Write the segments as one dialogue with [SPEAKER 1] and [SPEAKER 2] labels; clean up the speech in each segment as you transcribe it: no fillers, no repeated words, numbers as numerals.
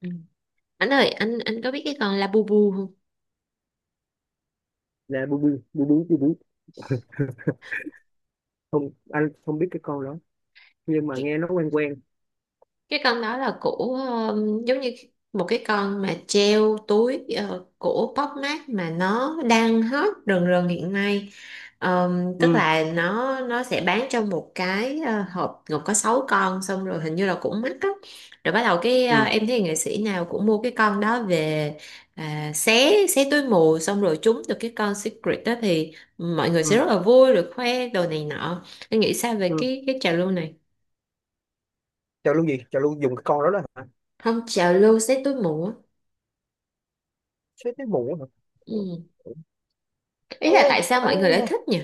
[SPEAKER 1] Ừ. Anh ơi, anh có biết cái con Labubu không?
[SPEAKER 2] Là bu bu bu bú bu bú. Không, anh không biết cái con đó. Nhưng mà
[SPEAKER 1] Cái
[SPEAKER 2] nghe nó quen quen.
[SPEAKER 1] cái con đó là của giống như một cái con mà treo túi, của Popmart mà nó đang hot rần rần hiện nay. Tức
[SPEAKER 2] Ừ.
[SPEAKER 1] là nó sẽ bán trong một cái hộp gồm có 6 con, xong rồi hình như là cũng mắc á. Rồi bắt đầu
[SPEAKER 2] Ừ.
[SPEAKER 1] em thấy nghệ sĩ nào cũng mua cái con đó về, à, xé xé túi mù xong rồi trúng được cái con secret đó thì mọi người
[SPEAKER 2] Ừ.
[SPEAKER 1] sẽ rất là vui rồi khoe đồ này nọ. Em nghĩ sao về
[SPEAKER 2] Ừ.
[SPEAKER 1] cái trào lưu này?
[SPEAKER 2] Chào luôn gì, chào luôn dùng cái con đó đó hả?
[SPEAKER 1] Không, trào lưu xé túi mù á.
[SPEAKER 2] Chết cái mụ hả?
[SPEAKER 1] Ừ. Ý
[SPEAKER 2] Ờ,
[SPEAKER 1] là tại sao
[SPEAKER 2] anh,
[SPEAKER 1] mọi người lại thích nhỉ?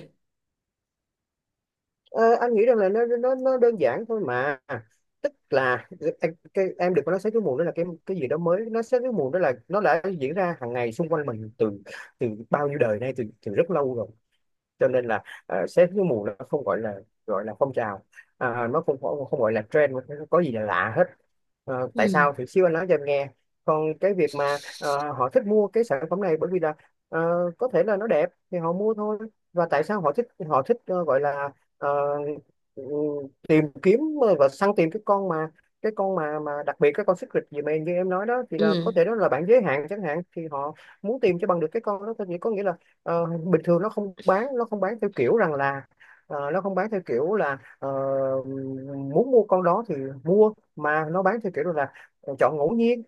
[SPEAKER 2] ờ, anh nghĩ rằng là nó đơn giản thôi mà. Tức là, em đừng có nói sấy túi mù đó là cái gì đó mới, nó sấy túi mù đó là nó đã diễn ra hàng ngày xung quanh mình từ từ bao nhiêu đời nay, từ từ rất lâu rồi. Cho nên là, xét cái mùa nó không gọi là, gọi là phong trào, nó không không không gọi là trend, nó có gì là lạ hết. Tại
[SPEAKER 1] Ừ.
[SPEAKER 2] sao thì xíu anh nói cho em nghe. Còn cái việc mà họ thích mua cái sản phẩm này bởi vì là ờ, có thể là nó đẹp thì họ mua thôi. Và tại sao họ thích gọi là, ờ, ừ, tìm kiếm và săn tìm cái con mà, cái con mà đặc biệt, cái con secret gì mà như em nói đó thì là
[SPEAKER 1] Ừ.
[SPEAKER 2] có thể đó là bạn giới hạn chẳng hạn, thì họ muốn tìm cho bằng được cái con đó thôi. Thì có nghĩa là, bình thường nó không bán theo kiểu rằng là, nó không bán theo kiểu là, muốn mua con đó thì mua, mà nó bán theo kiểu là chọn ngẫu nhiên.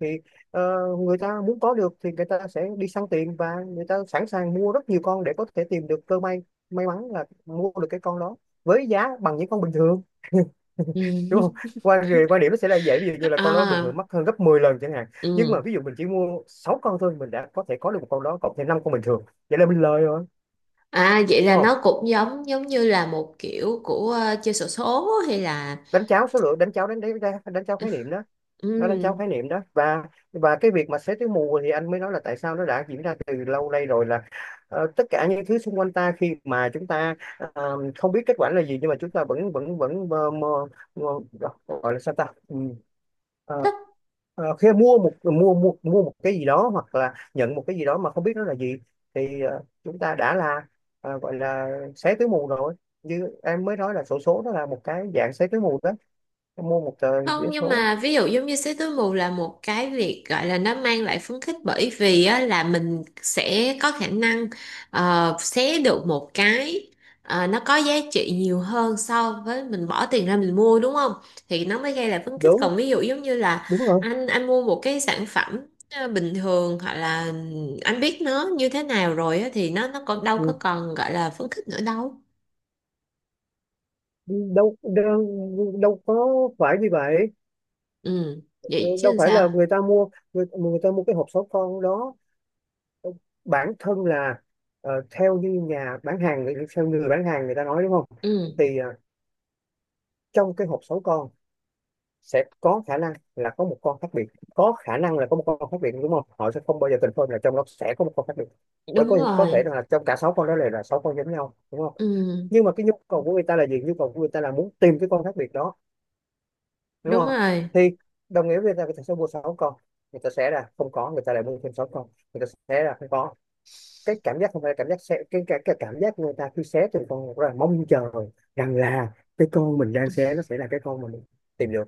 [SPEAKER 2] Thì ờ, người ta muốn có được thì người ta sẽ đi săn tiền, và người ta sẵn sàng mua rất nhiều con để có thể tìm được cơ may, may mắn là mua được cái con đó với giá bằng những con bình thường. Đúng
[SPEAKER 1] Ừ.
[SPEAKER 2] không? Quan điểm nó sẽ là vậy, ví dụ như là con đó bình thường
[SPEAKER 1] À.
[SPEAKER 2] mắc hơn gấp 10 lần chẳng hạn. Nhưng mà
[SPEAKER 1] Ừ.
[SPEAKER 2] ví dụ mình chỉ mua 6 con thôi, mình đã có thể có được một con đó cộng thêm 5 con bình thường. Vậy là mình lời rồi,
[SPEAKER 1] À, vậy là
[SPEAKER 2] đúng không?
[SPEAKER 1] nó cũng giống giống như là một kiểu của chơi xổ số hay là...
[SPEAKER 2] Đánh cháo số lượng, đánh cháo, đánh đánh đánh cháo khái niệm đó. Nó đánh tráo
[SPEAKER 1] Ừ.
[SPEAKER 2] khái niệm đó. Và cái việc mà xế túi mù thì anh mới nói là tại sao nó đã diễn ra từ lâu nay rồi, là tất cả những thứ xung quanh ta, khi mà chúng ta không biết kết quả là gì, nhưng mà chúng ta vẫn vẫn vẫn mơ, gọi là sao ta. Ừ. Ờ,
[SPEAKER 1] Thích.
[SPEAKER 2] khi mua một cái gì đó hoặc là nhận một cái gì đó mà không biết nó là gì, thì chúng ta đã là, gọi là xé túi mù rồi. Như em mới nói, là xổ số nó là một cái dạng xé túi mù đó, mua một tờ
[SPEAKER 1] Không,
[SPEAKER 2] vé
[SPEAKER 1] nhưng
[SPEAKER 2] số.
[SPEAKER 1] mà ví dụ giống như xé túi mù là một cái việc gọi là nó mang lại phấn khích, bởi vì á, là mình sẽ có khả năng xé được một cái nó có giá trị nhiều hơn so với mình bỏ tiền ra mình mua, đúng không? Thì nó mới gây lại phấn khích.
[SPEAKER 2] Đúng
[SPEAKER 1] Còn ví dụ giống như là
[SPEAKER 2] Đúng rồi.
[SPEAKER 1] anh mua một cái sản phẩm bình thường hoặc là anh biết nó như thế nào rồi á, thì nó còn đâu có
[SPEAKER 2] Ừ,
[SPEAKER 1] còn gọi là phấn khích nữa đâu.
[SPEAKER 2] đâu, đâu có phải như vậy.
[SPEAKER 1] Ừ,
[SPEAKER 2] Ừ,
[SPEAKER 1] vậy chứ
[SPEAKER 2] đâu
[SPEAKER 1] làm
[SPEAKER 2] phải là
[SPEAKER 1] sao?
[SPEAKER 2] người ta mua cái hộp số con đó. Ừ, bản thân là, theo như nhà bán hàng, theo người bán hàng người ta nói, đúng không?
[SPEAKER 1] Ừ,
[SPEAKER 2] Thì trong cái hộp số con sẽ có khả năng là có một con khác biệt, có khả năng là có một con khác biệt, đúng không? Họ sẽ không bao giờ confirm là trong đó sẽ có một con khác biệt. Bởi
[SPEAKER 1] đúng
[SPEAKER 2] có thể
[SPEAKER 1] rồi.
[SPEAKER 2] là trong cả sáu con đó là sáu con giống nhau, đúng không?
[SPEAKER 1] Ừ,
[SPEAKER 2] Nhưng mà cái nhu cầu của người ta là gì? Nhu cầu của người ta là muốn tìm cái con khác biệt đó, đúng
[SPEAKER 1] đúng
[SPEAKER 2] không?
[SPEAKER 1] rồi.
[SPEAKER 2] Thì đồng nghĩa với việc là người ta sẽ mua sáu con, người ta sẽ là không có, người ta lại mua thêm sáu con. Người ta sẽ là không có cái cảm giác, không phải là cảm giác sẽ, cái cảm giác người ta khi xé từng con rất là mong chờ rằng là cái con mình đang xé nó sẽ là cái con mà mình tìm được,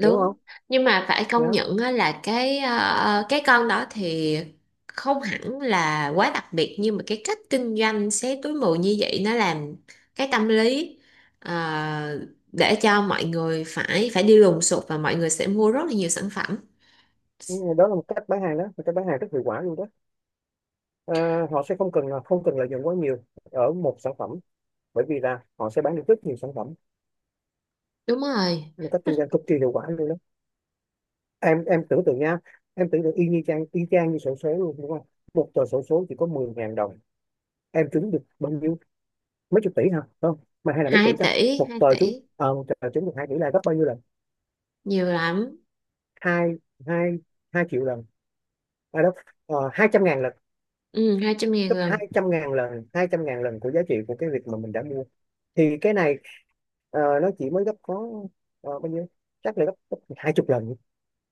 [SPEAKER 2] đúng không?
[SPEAKER 1] Nhưng mà phải công
[SPEAKER 2] Đó.
[SPEAKER 1] nhận á, là cái con đó thì không hẳn là quá đặc biệt, nhưng mà cái cách kinh doanh xé túi mù như vậy nó làm cái tâm lý, ờ, để cho mọi người phải phải đi lùng sục và mọi người sẽ mua rất là nhiều sản phẩm.
[SPEAKER 2] Ừ, đó là một cách bán hàng đó, một cách bán hàng rất hiệu quả luôn đó. Họ sẽ không cần lợi nhuận quá nhiều ở một sản phẩm, bởi vì là họ sẽ bán được rất nhiều sản phẩm.
[SPEAKER 1] Đúng rồi.
[SPEAKER 2] Một cách kinh doanh cực kỳ hiệu quả luôn đó. Em tưởng tượng nha, em tưởng tượng y như chang y chang như xổ số luôn, đúng không? Một tờ xổ số chỉ có 10.000 đồng, em trúng được bao nhiêu? Mấy chục tỷ hả? Không, mà hay là mấy tỷ
[SPEAKER 1] hai
[SPEAKER 2] sao?
[SPEAKER 1] tỷ hai tỷ
[SPEAKER 2] Một tờ trúng được 2 tỷ là gấp bao nhiêu lần?
[SPEAKER 1] Nhiều lắm.
[SPEAKER 2] Hai hai hai triệu lần. À đó. 200.000 lần.
[SPEAKER 1] Ừ, hai trăm
[SPEAKER 2] Gấp
[SPEAKER 1] ngàn
[SPEAKER 2] hai
[SPEAKER 1] lần
[SPEAKER 2] trăm ngàn lần hai trăm ngàn lần của giá trị của cái việc mà mình đã mua. Thì cái này nó chỉ mới gấp có, bao nhiêu, chắc là gấp 20 lần,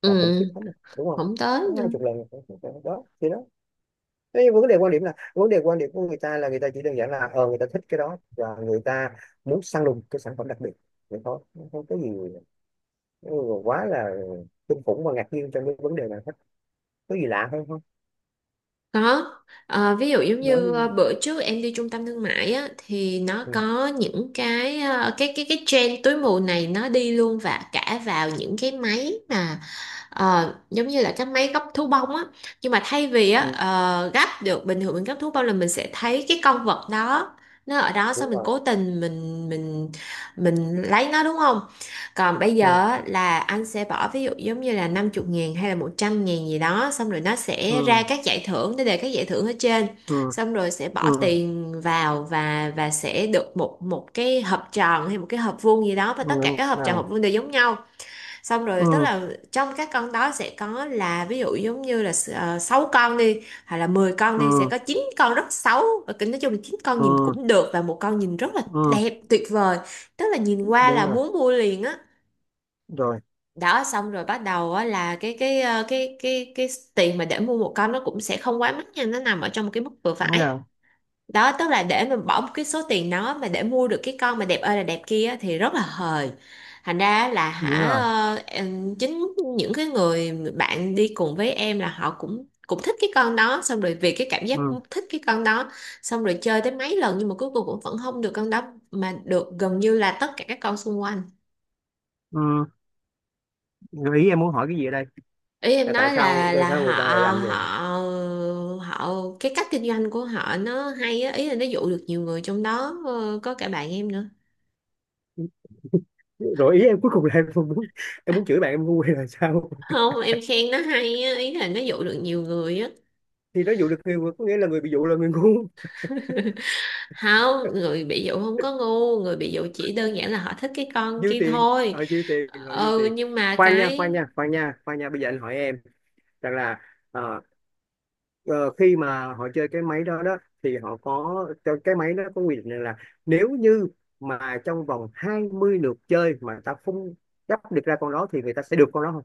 [SPEAKER 2] là khủng khiếp
[SPEAKER 1] Ừ.
[SPEAKER 2] lắm rồi, đúng không?
[SPEAKER 1] Không tới
[SPEAKER 2] Có hai
[SPEAKER 1] nữa.
[SPEAKER 2] chục lần Đó thì nó, cái vấn đề quan điểm, là vấn đề quan điểm của người ta, là người ta chỉ đơn giản là người ta thích cái đó, và người ta muốn săn lùng cái sản phẩm đặc biệt, vậy thôi, không không có gì ừ, quá là kinh khủng và ngạc nhiên trong cái vấn đề này hết. Có gì lạ hơn không?
[SPEAKER 1] Có. Ví dụ giống
[SPEAKER 2] Nói
[SPEAKER 1] như
[SPEAKER 2] đi.
[SPEAKER 1] bữa trước em đi trung tâm thương mại á, thì nó
[SPEAKER 2] Ừ.
[SPEAKER 1] có những cái, cái trend túi mù này nó đi luôn và cả vào những cái máy mà... giống như là cái máy gấp thú bông á. Nhưng mà thay vì á
[SPEAKER 2] Ừ.
[SPEAKER 1] ờ, gấp được bình thường mình gấp thú bông là mình sẽ thấy cái con vật đó, nó ở đó sao
[SPEAKER 2] Đúng
[SPEAKER 1] mình
[SPEAKER 2] rồi.
[SPEAKER 1] cố tình mình lấy nó, đúng không? Còn bây giờ
[SPEAKER 2] Ừ.
[SPEAKER 1] á, là anh sẽ bỏ ví dụ giống như là 50 ngàn hay là 100.000 gì đó. Xong rồi nó sẽ ra
[SPEAKER 2] Ừ.
[SPEAKER 1] các giải thưởng, nó đề các giải thưởng ở trên.
[SPEAKER 2] Ừ.
[SPEAKER 1] Xong rồi sẽ bỏ
[SPEAKER 2] Ừ.
[SPEAKER 1] tiền vào và sẽ được một một cái hộp tròn hay một cái hộp vuông gì đó. Và
[SPEAKER 2] Ừ,
[SPEAKER 1] tất cả
[SPEAKER 2] đúng
[SPEAKER 1] các hộp tròn,
[SPEAKER 2] rồi.
[SPEAKER 1] hộp vuông đều giống nhau. Xong rồi tức
[SPEAKER 2] Ừ.
[SPEAKER 1] là trong các con đó sẽ có là ví dụ giống như là 6 con đi. Hoặc là 10 con đi, sẽ
[SPEAKER 2] Ừ.
[SPEAKER 1] có 9 con rất xấu. Nói chung là 9 con nhìn
[SPEAKER 2] Ừ.
[SPEAKER 1] cũng được và một con nhìn rất là
[SPEAKER 2] Ừ.
[SPEAKER 1] đẹp, tuyệt vời. Tức là nhìn qua
[SPEAKER 2] Đúng
[SPEAKER 1] là
[SPEAKER 2] rồi.
[SPEAKER 1] muốn mua liền á.
[SPEAKER 2] Rồi.
[SPEAKER 1] Đó, xong rồi bắt đầu á, là cái ờ, cái tiền mà để mua một con nó cũng sẽ không quá mắc nha, nó nằm ở trong một cái mức vừa
[SPEAKER 2] Đúng
[SPEAKER 1] phải.
[SPEAKER 2] rồi.
[SPEAKER 1] Đó, tức là để mình bỏ một cái số tiền đó mà để mua được cái con mà đẹp ơi là đẹp kia á, thì rất là hời. Thành ra là
[SPEAKER 2] Đúng
[SPEAKER 1] hả,
[SPEAKER 2] rồi.
[SPEAKER 1] chính những cái người bạn đi cùng với em là họ cũng cũng thích cái con đó, xong rồi vì cái cảm giác
[SPEAKER 2] Ừ.
[SPEAKER 1] thích cái con đó, xong rồi chơi tới mấy lần nhưng mà cuối cùng cũng vẫn không được con đó, mà được gần như là tất cả các con xung quanh.
[SPEAKER 2] Ừ. Gợi ý em muốn hỏi cái gì ở đây?
[SPEAKER 1] Ý em
[SPEAKER 2] Là tại
[SPEAKER 1] nói
[SPEAKER 2] sao
[SPEAKER 1] là
[SPEAKER 2] tại
[SPEAKER 1] là
[SPEAKER 2] sao
[SPEAKER 1] họ
[SPEAKER 2] người ta lại làm vậy?
[SPEAKER 1] họ họ cái cách kinh doanh của họ nó hay á, ý là nó dụ được nhiều người, trong đó có cả bạn em nữa.
[SPEAKER 2] Rồi ý em cuối cùng là em không muốn, em muốn chửi bạn em ngu hay là sao?
[SPEAKER 1] Không, em khen nó hay á, ý là nó dụ được nhiều người á.
[SPEAKER 2] Thì nó dụ được người ngu, có nghĩa là người bị dụ là người ngu.
[SPEAKER 1] Không, người bị dụ không có ngu, người bị dụ chỉ đơn giản là họ thích cái con
[SPEAKER 2] Dư
[SPEAKER 1] kia
[SPEAKER 2] tiền,
[SPEAKER 1] thôi.
[SPEAKER 2] dư tiền rồi, dư
[SPEAKER 1] Ừ,
[SPEAKER 2] tiền.
[SPEAKER 1] nhưng mà
[SPEAKER 2] Khoan nha, khoan
[SPEAKER 1] cái...
[SPEAKER 2] nha, khoan nha, khoan nha, bây giờ anh hỏi em rằng là, ờ, ờ, khi mà họ chơi cái máy đó đó thì họ có, cho cái máy nó có quy định rằng là, nếu như mà trong vòng 20 lượt chơi mà ta không gấp được ra con đó thì người ta sẽ được con đó?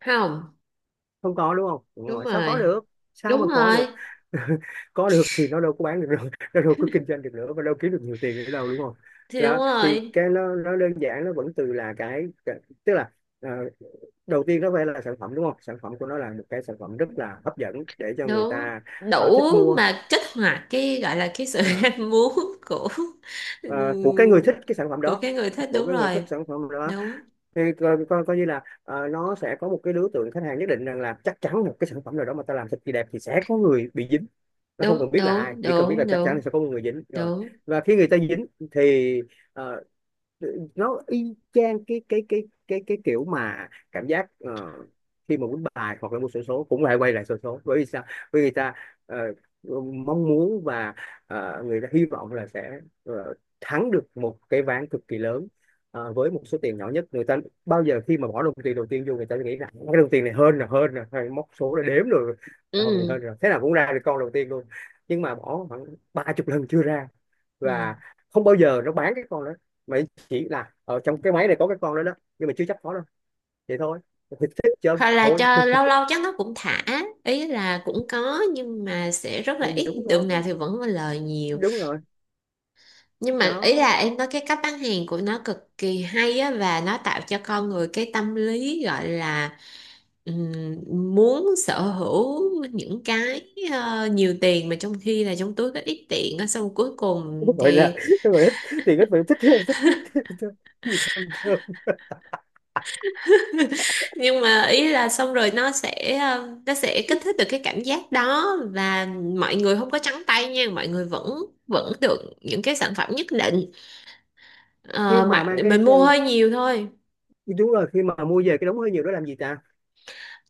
[SPEAKER 1] Không.
[SPEAKER 2] Không có, đúng không? Đúng
[SPEAKER 1] Đúng
[SPEAKER 2] rồi. Sao có
[SPEAKER 1] rồi.
[SPEAKER 2] được? Sao mà
[SPEAKER 1] Đúng
[SPEAKER 2] có
[SPEAKER 1] rồi.
[SPEAKER 2] được? Có được thì nó đâu có bán được rồi, nó đâu có kinh doanh được nữa, và đâu kiếm được nhiều tiền nữa đâu, đúng không?
[SPEAKER 1] Thì đúng
[SPEAKER 2] Đó thì
[SPEAKER 1] rồi.
[SPEAKER 2] cái nó đơn giản, nó vẫn từ là tức là, ờ, đầu tiên nó phải là sản phẩm, đúng không? Sản phẩm của nó là một cái sản phẩm rất là hấp dẫn để cho người
[SPEAKER 1] Đúng.
[SPEAKER 2] ta
[SPEAKER 1] Đủ
[SPEAKER 2] thích mua.
[SPEAKER 1] mà kích hoạt cái gọi là cái sự
[SPEAKER 2] Ờ,
[SPEAKER 1] ham muốn của
[SPEAKER 2] ờ, của cái người thích
[SPEAKER 1] ừm,
[SPEAKER 2] cái sản phẩm
[SPEAKER 1] của
[SPEAKER 2] đó,
[SPEAKER 1] cái người thích,
[SPEAKER 2] của
[SPEAKER 1] đúng
[SPEAKER 2] cái người thích
[SPEAKER 1] rồi.
[SPEAKER 2] sản phẩm đó.
[SPEAKER 1] Đúng,
[SPEAKER 2] Thì coi như là nó sẽ có một cái đối tượng khách hàng nhất định, rằng là chắc chắn một cái sản phẩm nào đó mà ta làm thật kỳ đẹp thì sẽ có người bị dính. Nó không
[SPEAKER 1] đúng,
[SPEAKER 2] cần biết là ai,
[SPEAKER 1] đúng,
[SPEAKER 2] chỉ cần biết là
[SPEAKER 1] đúng.
[SPEAKER 2] chắc chắn
[SPEAKER 1] Đúng,
[SPEAKER 2] là sẽ có một người dính rồi.
[SPEAKER 1] đúng.
[SPEAKER 2] Và khi người ta dính thì ờ, nó y chang cái kiểu mà cảm giác, khi mà quýnh bài hoặc là mua xổ số, cũng lại quay lại xổ số, bởi vì sao? Bởi vì người ta ờ, mong muốn, và người ta hy vọng là sẽ thắng được một cái ván cực kỳ lớn với một số tiền nhỏ nhất. Người ta bao giờ khi mà bỏ đồng tiền đầu tiên vô, người ta nghĩ là cái đồng tiền này hơn là hay móc số là đếm rồi. Không thì
[SPEAKER 1] Ừ.
[SPEAKER 2] hơn rồi, thế nào cũng ra được con đầu tiên luôn. Nhưng mà bỏ khoảng 30 lần chưa ra.
[SPEAKER 1] Ừ.
[SPEAKER 2] Và không bao giờ nó bán cái con đó, mà chỉ là ở trong cái máy này có cái con đó đó, nhưng mà chưa chắc có đâu. Vậy thôi, thì thích chơi
[SPEAKER 1] Hoặc là
[SPEAKER 2] thôi.
[SPEAKER 1] cho lâu lâu chắc nó cũng thả, ý là cũng có nhưng mà sẽ rất là
[SPEAKER 2] Thì
[SPEAKER 1] ít,
[SPEAKER 2] đúng rồi.
[SPEAKER 1] đường nào thì vẫn có lời nhiều.
[SPEAKER 2] Đúng rồi.
[SPEAKER 1] Nhưng mà ý
[SPEAKER 2] Đó
[SPEAKER 1] là em nói cái cách bán hàng của nó cực kỳ hay á, và nó tạo cho con người cái tâm lý gọi là ừm, muốn sở hữu những cái nhiều tiền, mà trong khi là trong túi có ít tiền á, xong cuối cùng
[SPEAKER 2] gọi là,
[SPEAKER 1] thì...
[SPEAKER 2] gọi là, thì các bạn thích, thích, thích, thích, thích. Gì thơm thơm.
[SPEAKER 1] Nhưng mà ý là xong rồi nó sẽ kích thích được cái cảm giác đó, và mọi người không có trắng tay nha, mọi người vẫn vẫn được những cái sản phẩm nhất định.
[SPEAKER 2] Khi
[SPEAKER 1] Ờ,
[SPEAKER 2] mà
[SPEAKER 1] mà
[SPEAKER 2] mang cái,
[SPEAKER 1] mình mua hơi nhiều thôi.
[SPEAKER 2] đúng rồi, khi mà mua về cái đống hơi nhiều đó làm gì ta?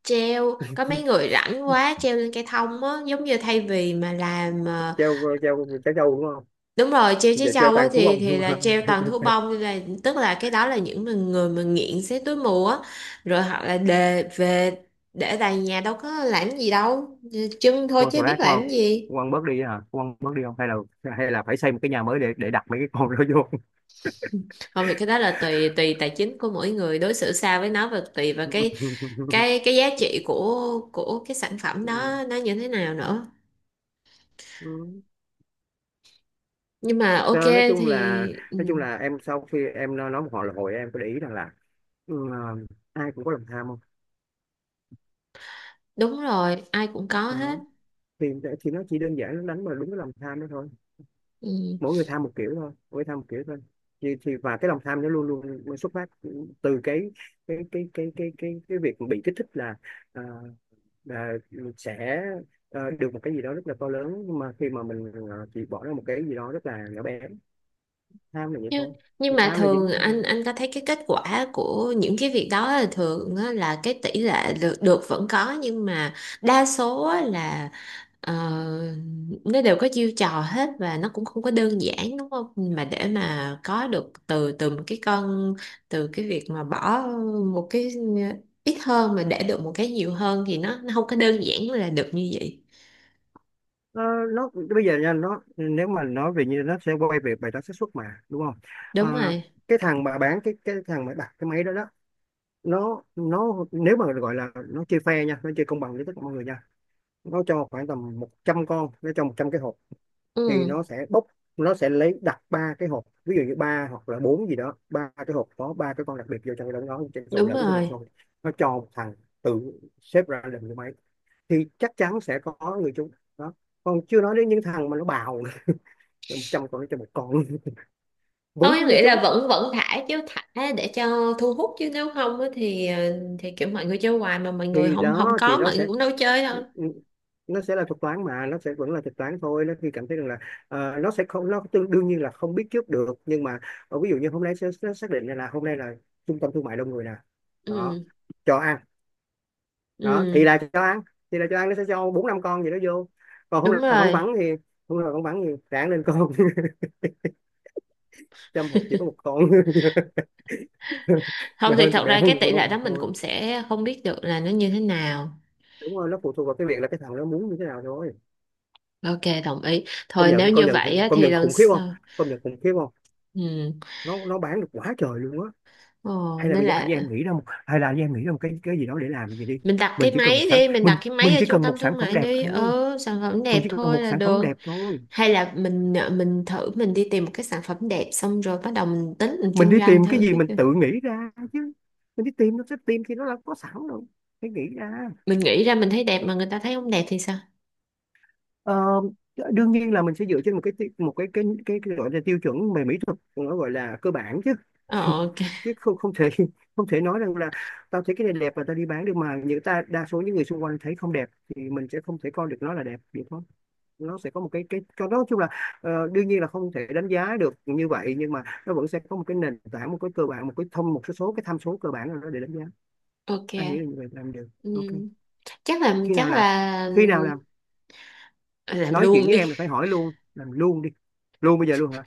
[SPEAKER 1] Treo, có mấy người rảnh quá treo lên cây thông á, giống như thay vì mà làm,
[SPEAKER 2] Treo ờ, treo treo trâu, đúng không?
[SPEAKER 1] đúng rồi treo trái
[SPEAKER 2] Giờ treo
[SPEAKER 1] trâu á,
[SPEAKER 2] toàn thú
[SPEAKER 1] thì
[SPEAKER 2] ông
[SPEAKER 1] thì
[SPEAKER 2] không?
[SPEAKER 1] là treo
[SPEAKER 2] À?
[SPEAKER 1] toàn thú bông, nên là tức là cái đó là những mà người mà nghiện xé túi mù á. Rồi họ là đề về để tại nhà đâu có làm gì đâu, chân thôi
[SPEAKER 2] Con thù
[SPEAKER 1] chứ biết
[SPEAKER 2] ác, đúng không?
[SPEAKER 1] làm gì.
[SPEAKER 2] Con bớt đi hả? Con bớt đi không, hay là phải xây một cái nhà mới để đặt mấy cái con đó
[SPEAKER 1] Không thì cái đó là tùy tùy tài chính của mỗi người đối xử sao với nó, và tùy vào cái giá trị của cái sản phẩm đó nó như thế nào nữa.
[SPEAKER 2] vô.
[SPEAKER 1] Nhưng mà ok.
[SPEAKER 2] Đó, nói chung là
[SPEAKER 1] Thì ừ.
[SPEAKER 2] nói chung là em, sau khi em nói một hồi là hồi em có để ý rằng là ừ, à, ai cũng có lòng tham, không?
[SPEAKER 1] Đúng rồi, ai cũng có hết.
[SPEAKER 2] Đó, thì thì nó chỉ đơn giản, nó đánh vào đúng cái lòng tham đó thôi.
[SPEAKER 1] Ừ.
[SPEAKER 2] Mỗi người tham một kiểu thôi, mỗi người tham một kiểu thôi. Thì Và cái lòng tham nó luôn luôn xuất phát từ cái việc bị kích thích, là à, là sẽ, được một cái gì đó rất là to lớn, nhưng mà khi mà mình chỉ bỏ ra một cái gì đó rất là nhỏ bé. Tham là vậy thôi.
[SPEAKER 1] Nhưng
[SPEAKER 2] Thì
[SPEAKER 1] nhưng mà
[SPEAKER 2] tham là
[SPEAKER 1] thường
[SPEAKER 2] dính.
[SPEAKER 1] anh có thấy cái kết quả của những cái việc đó là thường á, là cái tỷ lệ được vẫn có, nhưng mà đa số á là ờ, nó đều có chiêu trò hết và nó cũng không có đơn giản, đúng không? Mà để mà có được từ từ một cái con, từ cái việc mà bỏ một cái ít hơn mà để được một cái nhiều hơn thì nó không có đơn giản là được như vậy.
[SPEAKER 2] Nó bây giờ nha, nó nếu mà nói về như nó sẽ quay về bài toán xác suất mà, đúng không? Ờ,
[SPEAKER 1] Đúng rồi.
[SPEAKER 2] cái thằng mà đặt cái máy đó đó, nó nếu mà gọi là nó chơi fair nha, nó chơi công bằng với tất cả mọi người nha. Nó cho khoảng tầm 100 con, nó cho 100 cái hộp. Thì
[SPEAKER 1] Ừ,
[SPEAKER 2] nó sẽ lấy đặt ba cái hộp, ví dụ như ba hoặc là bốn gì đó, ba cái hộp có ba cái con đặc biệt vô trong cái đó, nó trộn
[SPEAKER 1] đúng
[SPEAKER 2] lẫn với mình
[SPEAKER 1] rồi.
[SPEAKER 2] xong, nó cho một thằng tự xếp ra làm cái máy thì chắc chắn sẽ có người chúng đó, còn chưa nói đến những thằng mà nó bào trăm con cho một con. Vẫn
[SPEAKER 1] Không, em
[SPEAKER 2] có người
[SPEAKER 1] nghĩ
[SPEAKER 2] trúng.
[SPEAKER 1] là vẫn vẫn thả chứ, thả để cho thu hút, chứ nếu không á thì thì kiểu mọi người chơi hoài mà mọi người
[SPEAKER 2] Thì
[SPEAKER 1] không không
[SPEAKER 2] đó, thì
[SPEAKER 1] có, mọi người cũng đâu chơi đâu.
[SPEAKER 2] nó sẽ là thuật toán, mà nó sẽ vẫn là thuật toán thôi. Nó khi cảm thấy rằng là, ờ, nó sẽ không, nó đương nhiên là không biết trước được, nhưng mà ờ, ví dụ như hôm nay sẽ xác định là hôm nay là trung tâm thương mại đông người nè. Đó,
[SPEAKER 1] Ừ.
[SPEAKER 2] cho ăn. Đó thì
[SPEAKER 1] Ừ,
[SPEAKER 2] là cho ăn, nó sẽ cho bốn năm con gì đó vô. Còn hôm
[SPEAKER 1] đúng
[SPEAKER 2] nay là vắng
[SPEAKER 1] rồi.
[SPEAKER 2] vắng thì, hôm nay là vắng vắng thì ráng lên con. Trăm hộp chỉ có một con.
[SPEAKER 1] Không
[SPEAKER 2] Mẹ
[SPEAKER 1] thì
[SPEAKER 2] hơn thì
[SPEAKER 1] thật
[SPEAKER 2] mẹ
[SPEAKER 1] ra cái
[SPEAKER 2] hơn,
[SPEAKER 1] tỷ
[SPEAKER 2] không
[SPEAKER 1] lệ
[SPEAKER 2] thì
[SPEAKER 1] đó mình
[SPEAKER 2] thôi.
[SPEAKER 1] cũng sẽ không biết được là nó như thế nào.
[SPEAKER 2] Đúng rồi, nó phụ thuộc vào cái việc là cái thằng nó muốn như thế nào thôi.
[SPEAKER 1] Ok, đồng ý thôi, nếu như vậy á
[SPEAKER 2] Công
[SPEAKER 1] thì
[SPEAKER 2] nhận
[SPEAKER 1] lần
[SPEAKER 2] khủng khiếp không?
[SPEAKER 1] sau...
[SPEAKER 2] Công nhận khủng khiếp không?
[SPEAKER 1] Ừ.
[SPEAKER 2] Nó bán được quá trời luôn á.
[SPEAKER 1] Ồ,
[SPEAKER 2] Hay là
[SPEAKER 1] nên
[SPEAKER 2] bây giờ anh
[SPEAKER 1] là
[SPEAKER 2] với em nghĩ ra một Hay là anh với em nghĩ ra một cái gì đó để làm gì đi.
[SPEAKER 1] mình đặt
[SPEAKER 2] Mình
[SPEAKER 1] cái
[SPEAKER 2] chỉ cần một
[SPEAKER 1] máy
[SPEAKER 2] sản
[SPEAKER 1] đi, mình đặt cái máy
[SPEAKER 2] mình
[SPEAKER 1] ở
[SPEAKER 2] chỉ
[SPEAKER 1] trung
[SPEAKER 2] cần
[SPEAKER 1] tâm
[SPEAKER 2] một sản
[SPEAKER 1] thương
[SPEAKER 2] phẩm
[SPEAKER 1] mại
[SPEAKER 2] đẹp
[SPEAKER 1] đi.
[SPEAKER 2] thôi.
[SPEAKER 1] Ừ, sản phẩm
[SPEAKER 2] Mình
[SPEAKER 1] đẹp
[SPEAKER 2] chỉ cần một
[SPEAKER 1] thôi là
[SPEAKER 2] sản phẩm
[SPEAKER 1] được.
[SPEAKER 2] đẹp thôi.
[SPEAKER 1] Hay là mình thử mình đi tìm một cái sản phẩm đẹp xong rồi bắt đầu mình tính mình
[SPEAKER 2] Mình
[SPEAKER 1] kinh
[SPEAKER 2] đi
[SPEAKER 1] doanh
[SPEAKER 2] tìm cái
[SPEAKER 1] thử
[SPEAKER 2] gì,
[SPEAKER 1] cái
[SPEAKER 2] mình
[SPEAKER 1] kìa.
[SPEAKER 2] tự nghĩ ra chứ. Mình đi tìm nó sẽ tìm thì nó là có sẵn rồi, phải nghĩ ra.
[SPEAKER 1] Mình nghĩ ra mình thấy đẹp mà người ta thấy không đẹp thì sao?
[SPEAKER 2] Ờ, đương nhiên là mình sẽ dựa trên một cái gọi là tiêu chuẩn về mỹ thuật, nó gọi là cơ bản chứ.
[SPEAKER 1] Ờ, ok.
[SPEAKER 2] Chứ không không thể không thể nói rằng là tao thấy cái này đẹp và tao đi bán được, mà những ta đa số những người xung quanh thấy không đẹp, thì mình sẽ không thể coi được nó là đẹp được, không? Nó sẽ có một cái cho nó, nói chung là, ờ, đương nhiên là không thể đánh giá được như vậy, nhưng mà nó vẫn sẽ có một cái nền tảng, một cái cơ bản, một cái thông một số số cái tham số cơ bản nào đó để đánh giá.
[SPEAKER 1] Ok.
[SPEAKER 2] Anh nghĩ là như vậy làm được.
[SPEAKER 1] Ừ.
[SPEAKER 2] Ok.
[SPEAKER 1] Chắc là,
[SPEAKER 2] Khi nào
[SPEAKER 1] chắc
[SPEAKER 2] làm?
[SPEAKER 1] là...
[SPEAKER 2] Khi nào làm?
[SPEAKER 1] Ờ, làm
[SPEAKER 2] Nói chuyện
[SPEAKER 1] luôn
[SPEAKER 2] với
[SPEAKER 1] đi.
[SPEAKER 2] em là phải hỏi luôn làm luôn đi. Luôn bây giờ luôn hả?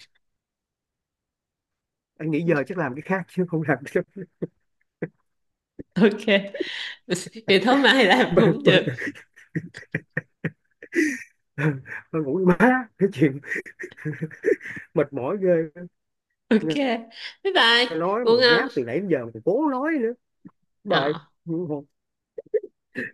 [SPEAKER 2] Anh nghĩ giờ chắc làm cái khác chứ không làm cái.
[SPEAKER 1] Ok. Vậy thôi mai làm
[SPEAKER 2] Bơ,
[SPEAKER 1] cũng
[SPEAKER 2] bơ.
[SPEAKER 1] được.
[SPEAKER 2] Bơ, ngủ với má cái chuyện. Mệt mỏi ghê.
[SPEAKER 1] Ok. Bye bye.
[SPEAKER 2] Nói
[SPEAKER 1] Ngủ
[SPEAKER 2] mà
[SPEAKER 1] ngon.
[SPEAKER 2] ngáp từ nãy đến giờ mà còn cố nói nữa.
[SPEAKER 1] Ờ.
[SPEAKER 2] Bye.